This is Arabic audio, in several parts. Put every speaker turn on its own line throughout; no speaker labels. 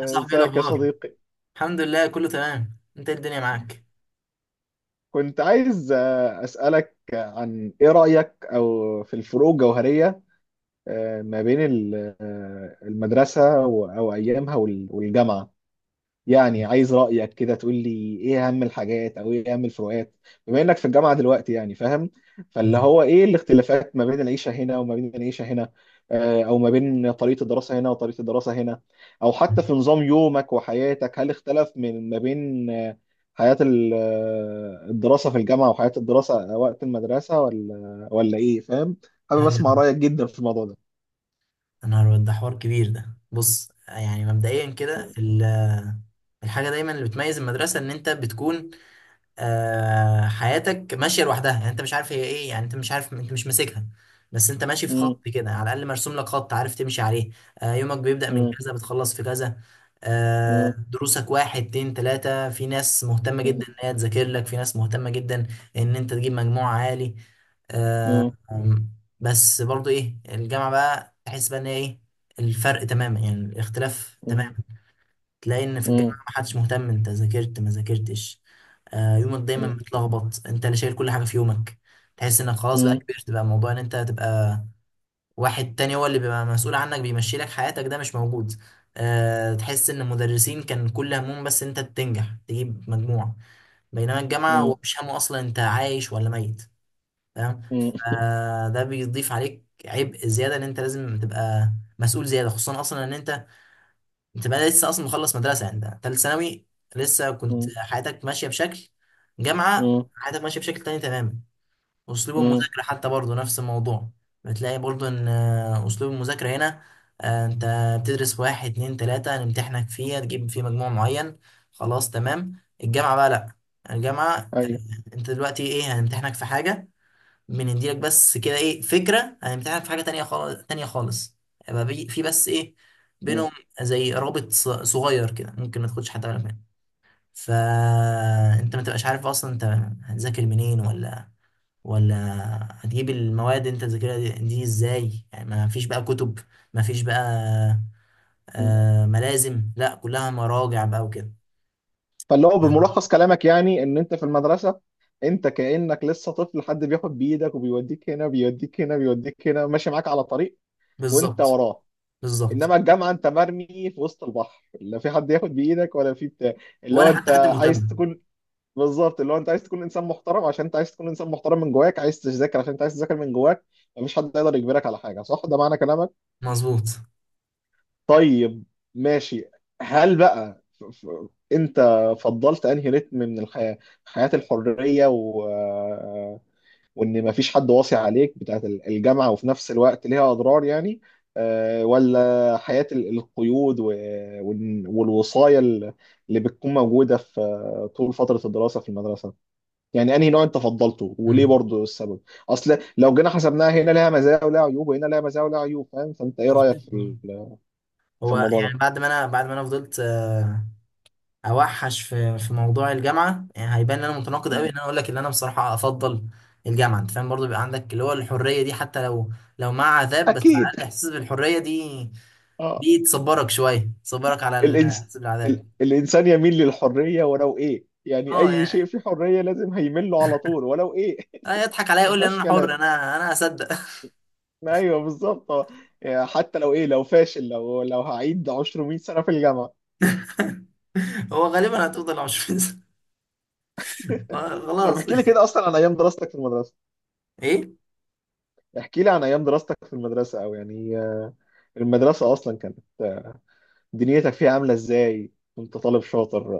يا صاحبي، ايه
ازيك يا
الاخبار؟
صديقي.
الحمد لله، كله تمام. انت إيه الدنيا معاك؟
كنت عايز اسالك عن ايه رايك او في الفروق الجوهريه، ما بين المدرسه او ايامها والجامعه. يعني عايز رأيك كده، تقول لي ايه اهم الحاجات او ايه اهم الفروقات، بما انك في الجامعة دلوقتي، يعني فاهم؟ فاللي
مم.
هو ايه الاختلافات ما بين العيشة هنا وما بين العيشة هنا، او ما بين طريقة الدراسة هنا وطريقة الدراسة هنا، او حتى في نظام يومك وحياتك، هل اختلف من ما بين حياة الدراسة في الجامعة وحياة الدراسة وقت المدرسة، ولا ايه، فاهم؟ حابب اسمع
ايوه.
رأيك جدا في الموضوع ده.
يا نهار أبيض، ده حوار كبير. ده بص، يعني مبدئيا كده، الحاجه دايما اللي بتميز المدرسه ان انت بتكون حياتك ماشيه لوحدها. يعني انت مش عارف هي ايه، يعني انت مش عارف، انت مش ماسكها. بس انت ماشي في
مم.
خط كده، على الاقل مرسوم لك خط عارف تمشي عليه. يومك بيبدا من
مم.
كذا، بتخلص في كذا.
مم.
دروسك واحد اتنين تلاته، في ناس مهتمه
مم.
جدا ان هي تذاكر لك، في ناس مهتمه جدا ان انت تجيب مجموع عالي. آه
مم.
أم، بس برضو ايه، الجامعه بقى تحس بقى ان هي ايه الفرق تماما، يعني الاختلاف تماما.
مم.
تلاقي ان في الجامعه
مم.
ما حدش مهتم انت ذاكرت ما ذاكرتش. يومك دايما
مم.
متلخبط، انت اللي شايل كل حاجه في يومك. تحس انك خلاص بقى
مم.
كبرت، بقى موضوع ان انت تبقى واحد تاني هو اللي بيبقى مسؤول عنك بيمشي لك حياتك، ده مش موجود. تحس ان المدرسين كان كل همهم بس انت تنجح تجيب مجموع، بينما الجامعه هو
مم.
مش همه اصلا انت عايش ولا ميت. تمام،
مم.
فده بيضيف عليك عبء زياده ان انت لازم تبقى مسؤول زياده، خصوصا اصلا ان انت بقى لسه اصلا مخلص مدرسه، يعني انت ثالث ثانوي. لسه كنت
مم.
حياتك ماشيه بشكل، جامعه
مم.
حياتك ماشيه بشكل تاني تماما. اسلوب
مم.
المذاكره حتى برضه نفس الموضوع، بتلاقي برضه ان اسلوب المذاكره هنا، انت بتدرس واحد اتنين تلاته نمتحنك فيه تجيب فيه مجموع معين، خلاص تمام. الجامعه بقى لا، الجامعه
ايوه.
انت دلوقتي ايه، هنمتحنك في حاجه، بنديلك بس كده ايه فكره، هنمتحنك في حاجه تانية خالص تانية خالص. يبقى في بس ايه
مم.
بينهم زي رابط صغير كده، ممكن ما تاخدش حتى بالك منه. فانت ما تبقاش عارف اصلا انت هتذاكر منين، ولا هتجيب المواد انت تذاكرها دي ازاي، يعني ما فيش بقى كتب، ما فيش بقى
مم.
ملازم، لا كلها مراجع بقى وكده.
فاللي هو بملخص كلامك، يعني ان انت في المدرسه، انت كانك لسه طفل، حد بياخد بايدك وبيوديك هنا، بيوديك هنا، بيوديك هنا، ماشي معاك على طريق وانت
بالظبط.
وراه.
بالظبط.
انما الجامعه، انت مرمي في وسط البحر، لا في حد ياخد بايدك ولا في بتاع، اللي هو
ولا
انت
حتى حد
عايز
مهتم.
تكون. بالظبط، اللي هو انت عايز تكون انسان محترم عشان انت عايز تكون انسان محترم من جواك، عايز تذاكر عشان انت عايز تذاكر من جواك. مفيش حد يقدر يجبرك على حاجه، صح؟ ده معنى كلامك.
مظبوط.
طيب، ماشي. هل بقى انت فضلت انهي رتم من الحياة؟ حياة الحرية وان مفيش حد واصي عليك، بتاعت الجامعة، وفي نفس الوقت ليها اضرار يعني، ولا حياة القيود والوصاية اللي بتكون موجودة في طول فترة الدراسة في المدرسة؟ يعني انهي نوع انت فضلته، وليه
مم.
برضو السبب؟ اصل لو جينا حسبناها، هنا لها مزايا ولها عيوب وهنا لها مزايا ولها عيوب، فاهم؟ فانت ايه رأيك
مظبوط.
في
هو
الموضوع
يعني بعد ما انا فضلت اوحش في موضوع الجامعه، يعني هيبان ان انا متناقض قوي ان
ده؟
انا اقول لك ان انا بصراحه افضل الجامعه. انت فاهم، برضو بيبقى عندك اللي هو الحريه دي، حتى لو مع عذاب، بس على
اكيد،
الاقل احساس بالحريه دي،
اه.
دي تصبرك شويه، تصبرك على
الإنس...
الاحساس بالعذاب.
الانسان يميل للحريه، ولو ايه، يعني
اه
اي شيء
يعني،
فيه حريه لازم هيميل له على طول، ولو ايه.
يضحك عليا
ما
يقول لي ان
فيهاش
انا
كلام.
حر، انا اصدق.
ايوه بالظبط، آه. يعني حتى لو ايه، لو فاشل، لو هعيد عشر 100 سنه في الجامعه.
هو غالبا هتفضل عشوائي.
طب
خلاص.
احكي لي كده اصلا عن ايام دراستك في المدرسه،
ايه
احكي لي عن ايام دراستك في المدرسه، او يعني، المدرسه اصلا كانت، دنيتك فيها عامله ازاي؟ كنت طالب شاطر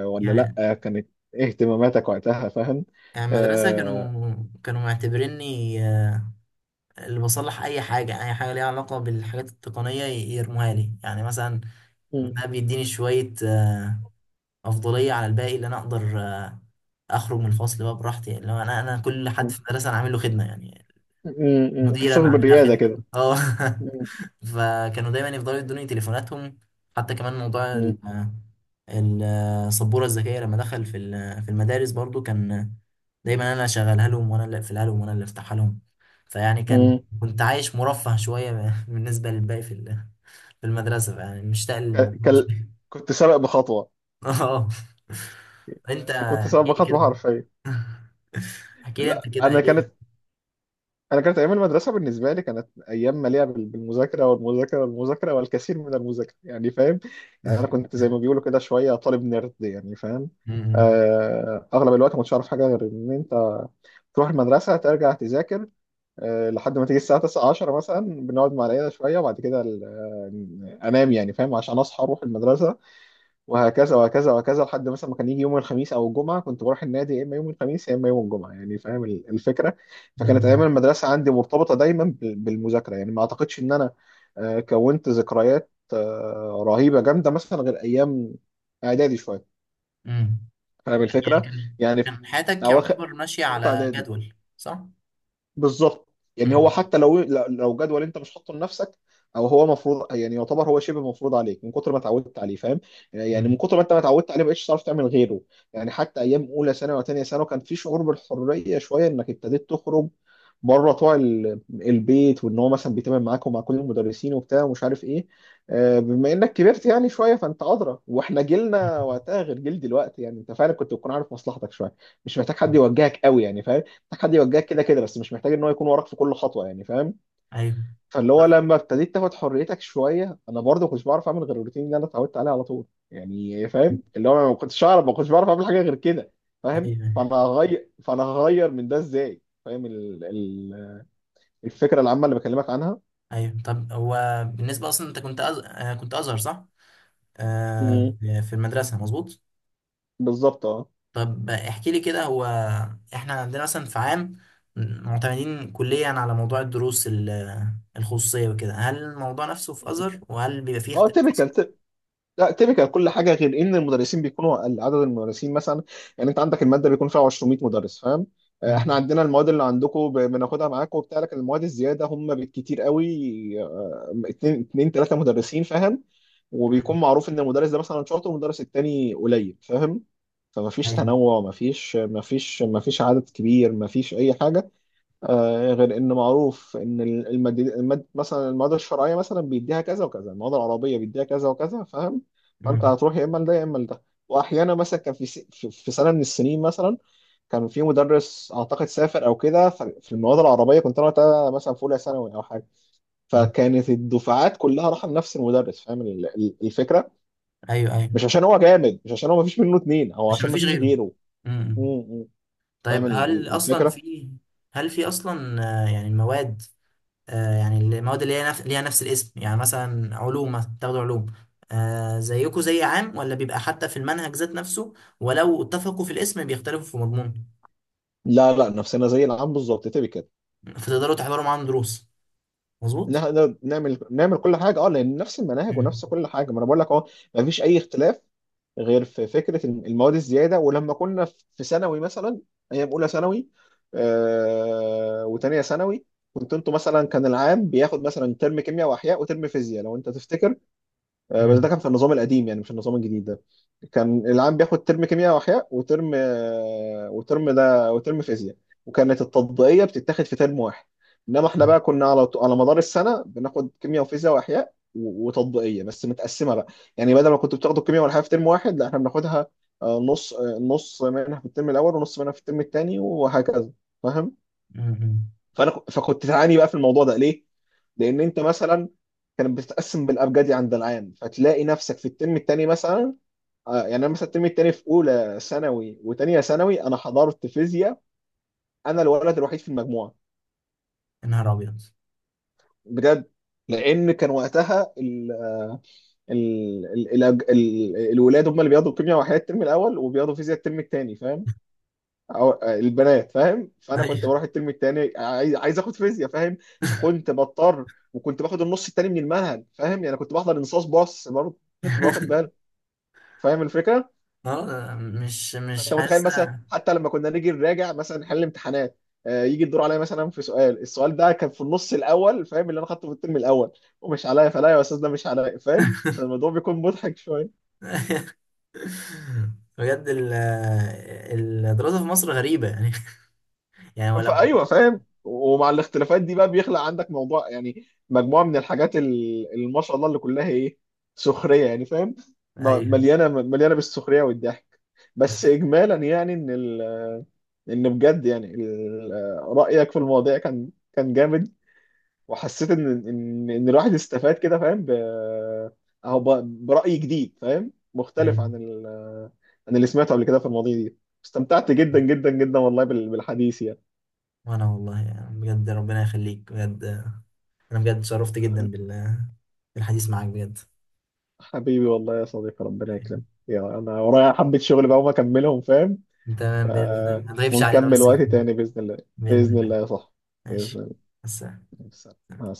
آه ولا
يعني.
لا؟ كانت إيه اهتماماتك وقتها، فاهم؟
يعني المدرسه
آه...
كانوا معتبريني اللي بصلح اي حاجه، اي حاجه ليها علاقه بالحاجات التقنيه يرموها لي. يعني مثلا ده بيديني شويه افضليه على الباقي، اللي انا اقدر اخرج من الفصل بقى براحتي. يعني لو انا كل حد في المدرسه انا عامل له خدمه، يعني
أمم.
المدير
احساس
انا عامل لها
بالرياده كده.
خدمه، اه.
أمم.
فكانوا دايما يفضلوا يدوني تليفوناتهم. حتى كمان موضوع
أمم.
السبورة الذكية لما دخل في في المدارس، برضو كان دايما انا اللي اشغلها لهم، وانا اللي اقفلها لهم، وانا اللي افتحها لهم. فيعني كان،
أمم.
كنت عايش مرفه شوية بالنسبة للباقي في في المدرسة، يعني مشتاق
ك-
للموضوع
كل...
شوية.
كنت سابق بخطوه.
اه. انت
يعني كنت سابق
احكي لي
بخطوه
كده.
حرفيا.
احكي لي انت
لا،
كده ايه.
انا كانت ايام المدرسه بالنسبه لي كانت ايام مليئه بالمذاكره والمذاكره والمذاكره والكثير من المذاكره، يعني فاهم؟ يعني انا كنت زي ما بيقولوا كده شويه طالب نيرد، يعني فاهم؟
م-
اغلب الوقت ما كنتش عارف حاجه غير ان انت تروح المدرسه ترجع تذاكر، لحد ما تيجي الساعه 9 10 مثلا، بنقعد مع العيله شويه وبعد كده انام يعني، فاهم؟ عشان اصحى اروح المدرسه، وهكذا وهكذا وهكذا، لحد مثلا ما كان يجي يوم الخميس او الجمعه كنت بروح النادي، يا اما يوم الخميس يا اما يوم الجمعه، يعني فاهم الفكره؟
م-
فكانت ايام
م-
المدرسه عندي مرتبطه دايما بالمذاكره، يعني ما اعتقدش ان انا كونت ذكريات رهيبه جامده مثلا، غير ايام اعدادي شويه.
م.
فاهم
يعني
الفكره؟
كان،
يعني في
كان حياتك
اواخر
يعتبر ماشية
ثالثه
على
اعدادي.
جدول، صح؟
بالظبط. يعني هو
م-
حتى لو، جدول انت مش حاطه لنفسك، او هو مفروض يعني، يعتبر هو شبه مفروض عليك من كتر ما اتعودت عليه، فاهم؟ يعني من
م-
كتر ما انت ما اتعودت عليه، ما بقتش تعرف تعمل غيره. يعني حتى ايام اولى ثانوي وثانيه ثانوي كان في شعور بالحريه شويه، انك ابتديت تخرج بره طوع البيت، وان هو مثلا بيتعامل معاك ومع كل المدرسين وبتاع ومش عارف ايه، بما انك كبرت يعني شويه، فانت ادرى، واحنا
م.
جيلنا وقتها غير جيل دلوقتي، يعني انت فعلا كنت بتكون عارف مصلحتك شويه. مش محتاج حد يوجهك قوي يعني، فاهم؟ محتاج حد يوجهك كده كده بس، مش محتاج ان هو يكون وراك في كل خطوه، يعني فاهم؟
ايوه
فاللي هو لما ابتديت تاخد حريتك شويه، انا برضه كنتش بعرف اعمل غير الروتين اللي انا اتعودت عليه على طول، يعني فاهم؟ اللي هو ما كنتش اعرف، ما كنتش بعرف اعمل حاجه غير كده، فاهم؟
ايوه
فانا هغير من ده ازاي، فاهم الفكره العامه اللي بكلمك عنها؟
ايوه. طب هو بالنسبه اصلا انت كنت كنت ازهر، صح؟ آه.
مم.
في المدرسه، مظبوط.
بالظبط، اه.
طب احكي لي كده، هو احنا عندنا مثلا في عام معتمدين كليا على موضوع الدروس الخصوصيه وكده. هل الموضوع نفسه في
مم.
ازهر؟ وهل بيبقى فيه
اه،
اختلاف اصلا؟
تيبيكال. لا تيبيكال كل حاجه، غير ان المدرسين بيكونوا اقل، عدد المدرسين مثلا، يعني انت عندك الماده بيكون فيها 200 مدرس، فاهم؟ احنا
امم.
عندنا المواد اللي عندكم بناخدها معاكم وبتاع، لكن المواد الزياده هم بالكتير قوي اتنين تلاته مدرسين، فاهم؟
أمم،
وبيكون معروف ان المدرس ده مثلا شاطر والمدرس التاني قليل، فاهم؟ فمفيش
ايوه.
تنوع، مفيش عدد كبير، مفيش اي حاجه، غير ان معروف ان مثلا المواد الشرعيه مثلا بيديها كذا وكذا، المواد العربيه بيديها كذا وكذا، فاهم؟ فانت
أمم،
هتروح يا اما لده يا اما لده. واحيانا مثلا كان في س... في في سنه من السنين مثلا، كان في مدرس اعتقد سافر او كده، في المواد العربيه، كنت انا وقتها مثلا في اولى ثانوي او حاجه،
أمم.
فكانت الدفعات كلها رايحه لنفس المدرس، فاهم الفكره؟
ايوه ايوه.
مش عشان هو جامد، مش عشان هو مفيش منه اتنين، او
عشان
عشان
مفيش
مفيش
غيره.
غيره. م-
امم.
م.
طيب
فاهم الفكره؟
هل في اصلا يعني مواد، يعني المواد اللي هي نفس ليها نفس الاسم، يعني مثلا علوم مثلا، تاخدوا علوم زيكوا زي عام؟ ولا بيبقى حتى في المنهج ذات نفسه، ولو اتفقوا في الاسم بيختلفوا في مضمونه؟
لا، لا، نفسنا زي العام بالظبط، تبقى
فتقدروا تحضروا معاهم دروس، مظبوط؟
نقدر نعمل كل حاجه، اه، لان نفس المناهج
مم.
ونفس كل حاجه، ما انا بقول لك اهو. ما فيش اي اختلاف، غير في فكره المواد الزياده، ولما كنا في ثانوي مثلا، ايام اولى ثانوي وثانيه ثانوي، كنت انتوا مثلا كان العام بياخد مثلا ترم كيمياء واحياء وترم فيزياء، لو انت تفتكر. بس ده
مم.
كان في النظام القديم يعني، مش النظام الجديد ده. كان العام بياخد ترم كيمياء واحياء وترم، آه، وترم ده وترم فيزياء، وكانت التطبيقيه بتتاخد في ترم واحد. انما احنا
مم.
بقى كنا على مدار السنه بناخد كيمياء وفيزياء واحياء وتطبيقيه بس متقسمه بقى. يعني بدل ما كنتوا بتاخدوا الكيمياء والاحياء في ترم واحد، لا، احنا بناخدها نص منها في الترم الاول ونص منها في الترم الثاني وهكذا، فاهم؟
مم.
فكنت تعاني بقى في الموضوع ده، ليه؟ لان انت مثلا كانت بتتقسم بالابجدي عند العام، فتلاقي نفسك في الترم الثاني مثلا، يعني انا مثلا الترم الثاني في اولى ثانوي وثانيه ثانوي انا حضرت فيزياء، انا الولد الوحيد في المجموعه،
يا نهار أبيض.
بجد. لان كان وقتها ال الولاد هم اللي بياخدوا كيمياء وحياه الترم الاول وبياخدوا فيزياء الترم الثاني، فاهم؟ أو البنات، فاهم؟ فانا كنت
أيوه.
بروح الترم التاني، عايز اخد فيزياء، فاهم؟ فكنت بضطر وكنت باخد النص التاني من المنهج، فاهم؟ يعني كنت بحضر انصاص باص برضه، كنت باخد بالي، فاهم الفكره؟
مش
فانت متخيل
حاسة.
مثلا، حتى لما كنا نيجي نراجع مثلا نحل امتحانات، يجي الدور عليا مثلا في سؤال، السؤال ده كان في النص الاول، فاهم؟ اللي انا خدته في الترم الاول، ومش عليا، فلا يا استاذ ده مش عليا، فاهم؟ كان الموضوع بيكون مضحك شويه.
بجد الدراسة في مصر غريبة يعني. يعني ولو.
فايوه فاهم، ومع الاختلافات دي بقى بيخلق عندك موضوع يعني مجموعه من الحاجات اللي ما شاء الله اللي كلها ايه، سخريه يعني، فاهم؟
أيوه
مليانه مليانه بالسخريه والضحك. بس اجمالا يعني، ان بجد يعني، رايك في المواضيع كان جامد، وحسيت ان الواحد استفاد كده، فاهم؟ اهو ب... براي جديد، فاهم؟ مختلف
أيوه.
عن اللي سمعته قبل كده في المواضيع دي. استمتعت جدا جدا جدا والله بالحديث يعني.
وأنا والله يعني بجد ربنا يخليك بجد، انا بجد شرفت جدا بال، بالحديث معاك بجد.
حبيبي والله يا صديقي، ربنا
حبيبي.
يكرمك. يا، انا ورايا حبة شغل بقى وما اكملهم، فاهم؟
تمام باذن الله،
آه،
ما تغيبش علينا
ونكمل
بس
وقت
كده.
تاني بإذن الله.
باذن
بإذن
الله.
الله يا صاحبي. بإذن
ماشي.
الله.
بس
مع السلامة.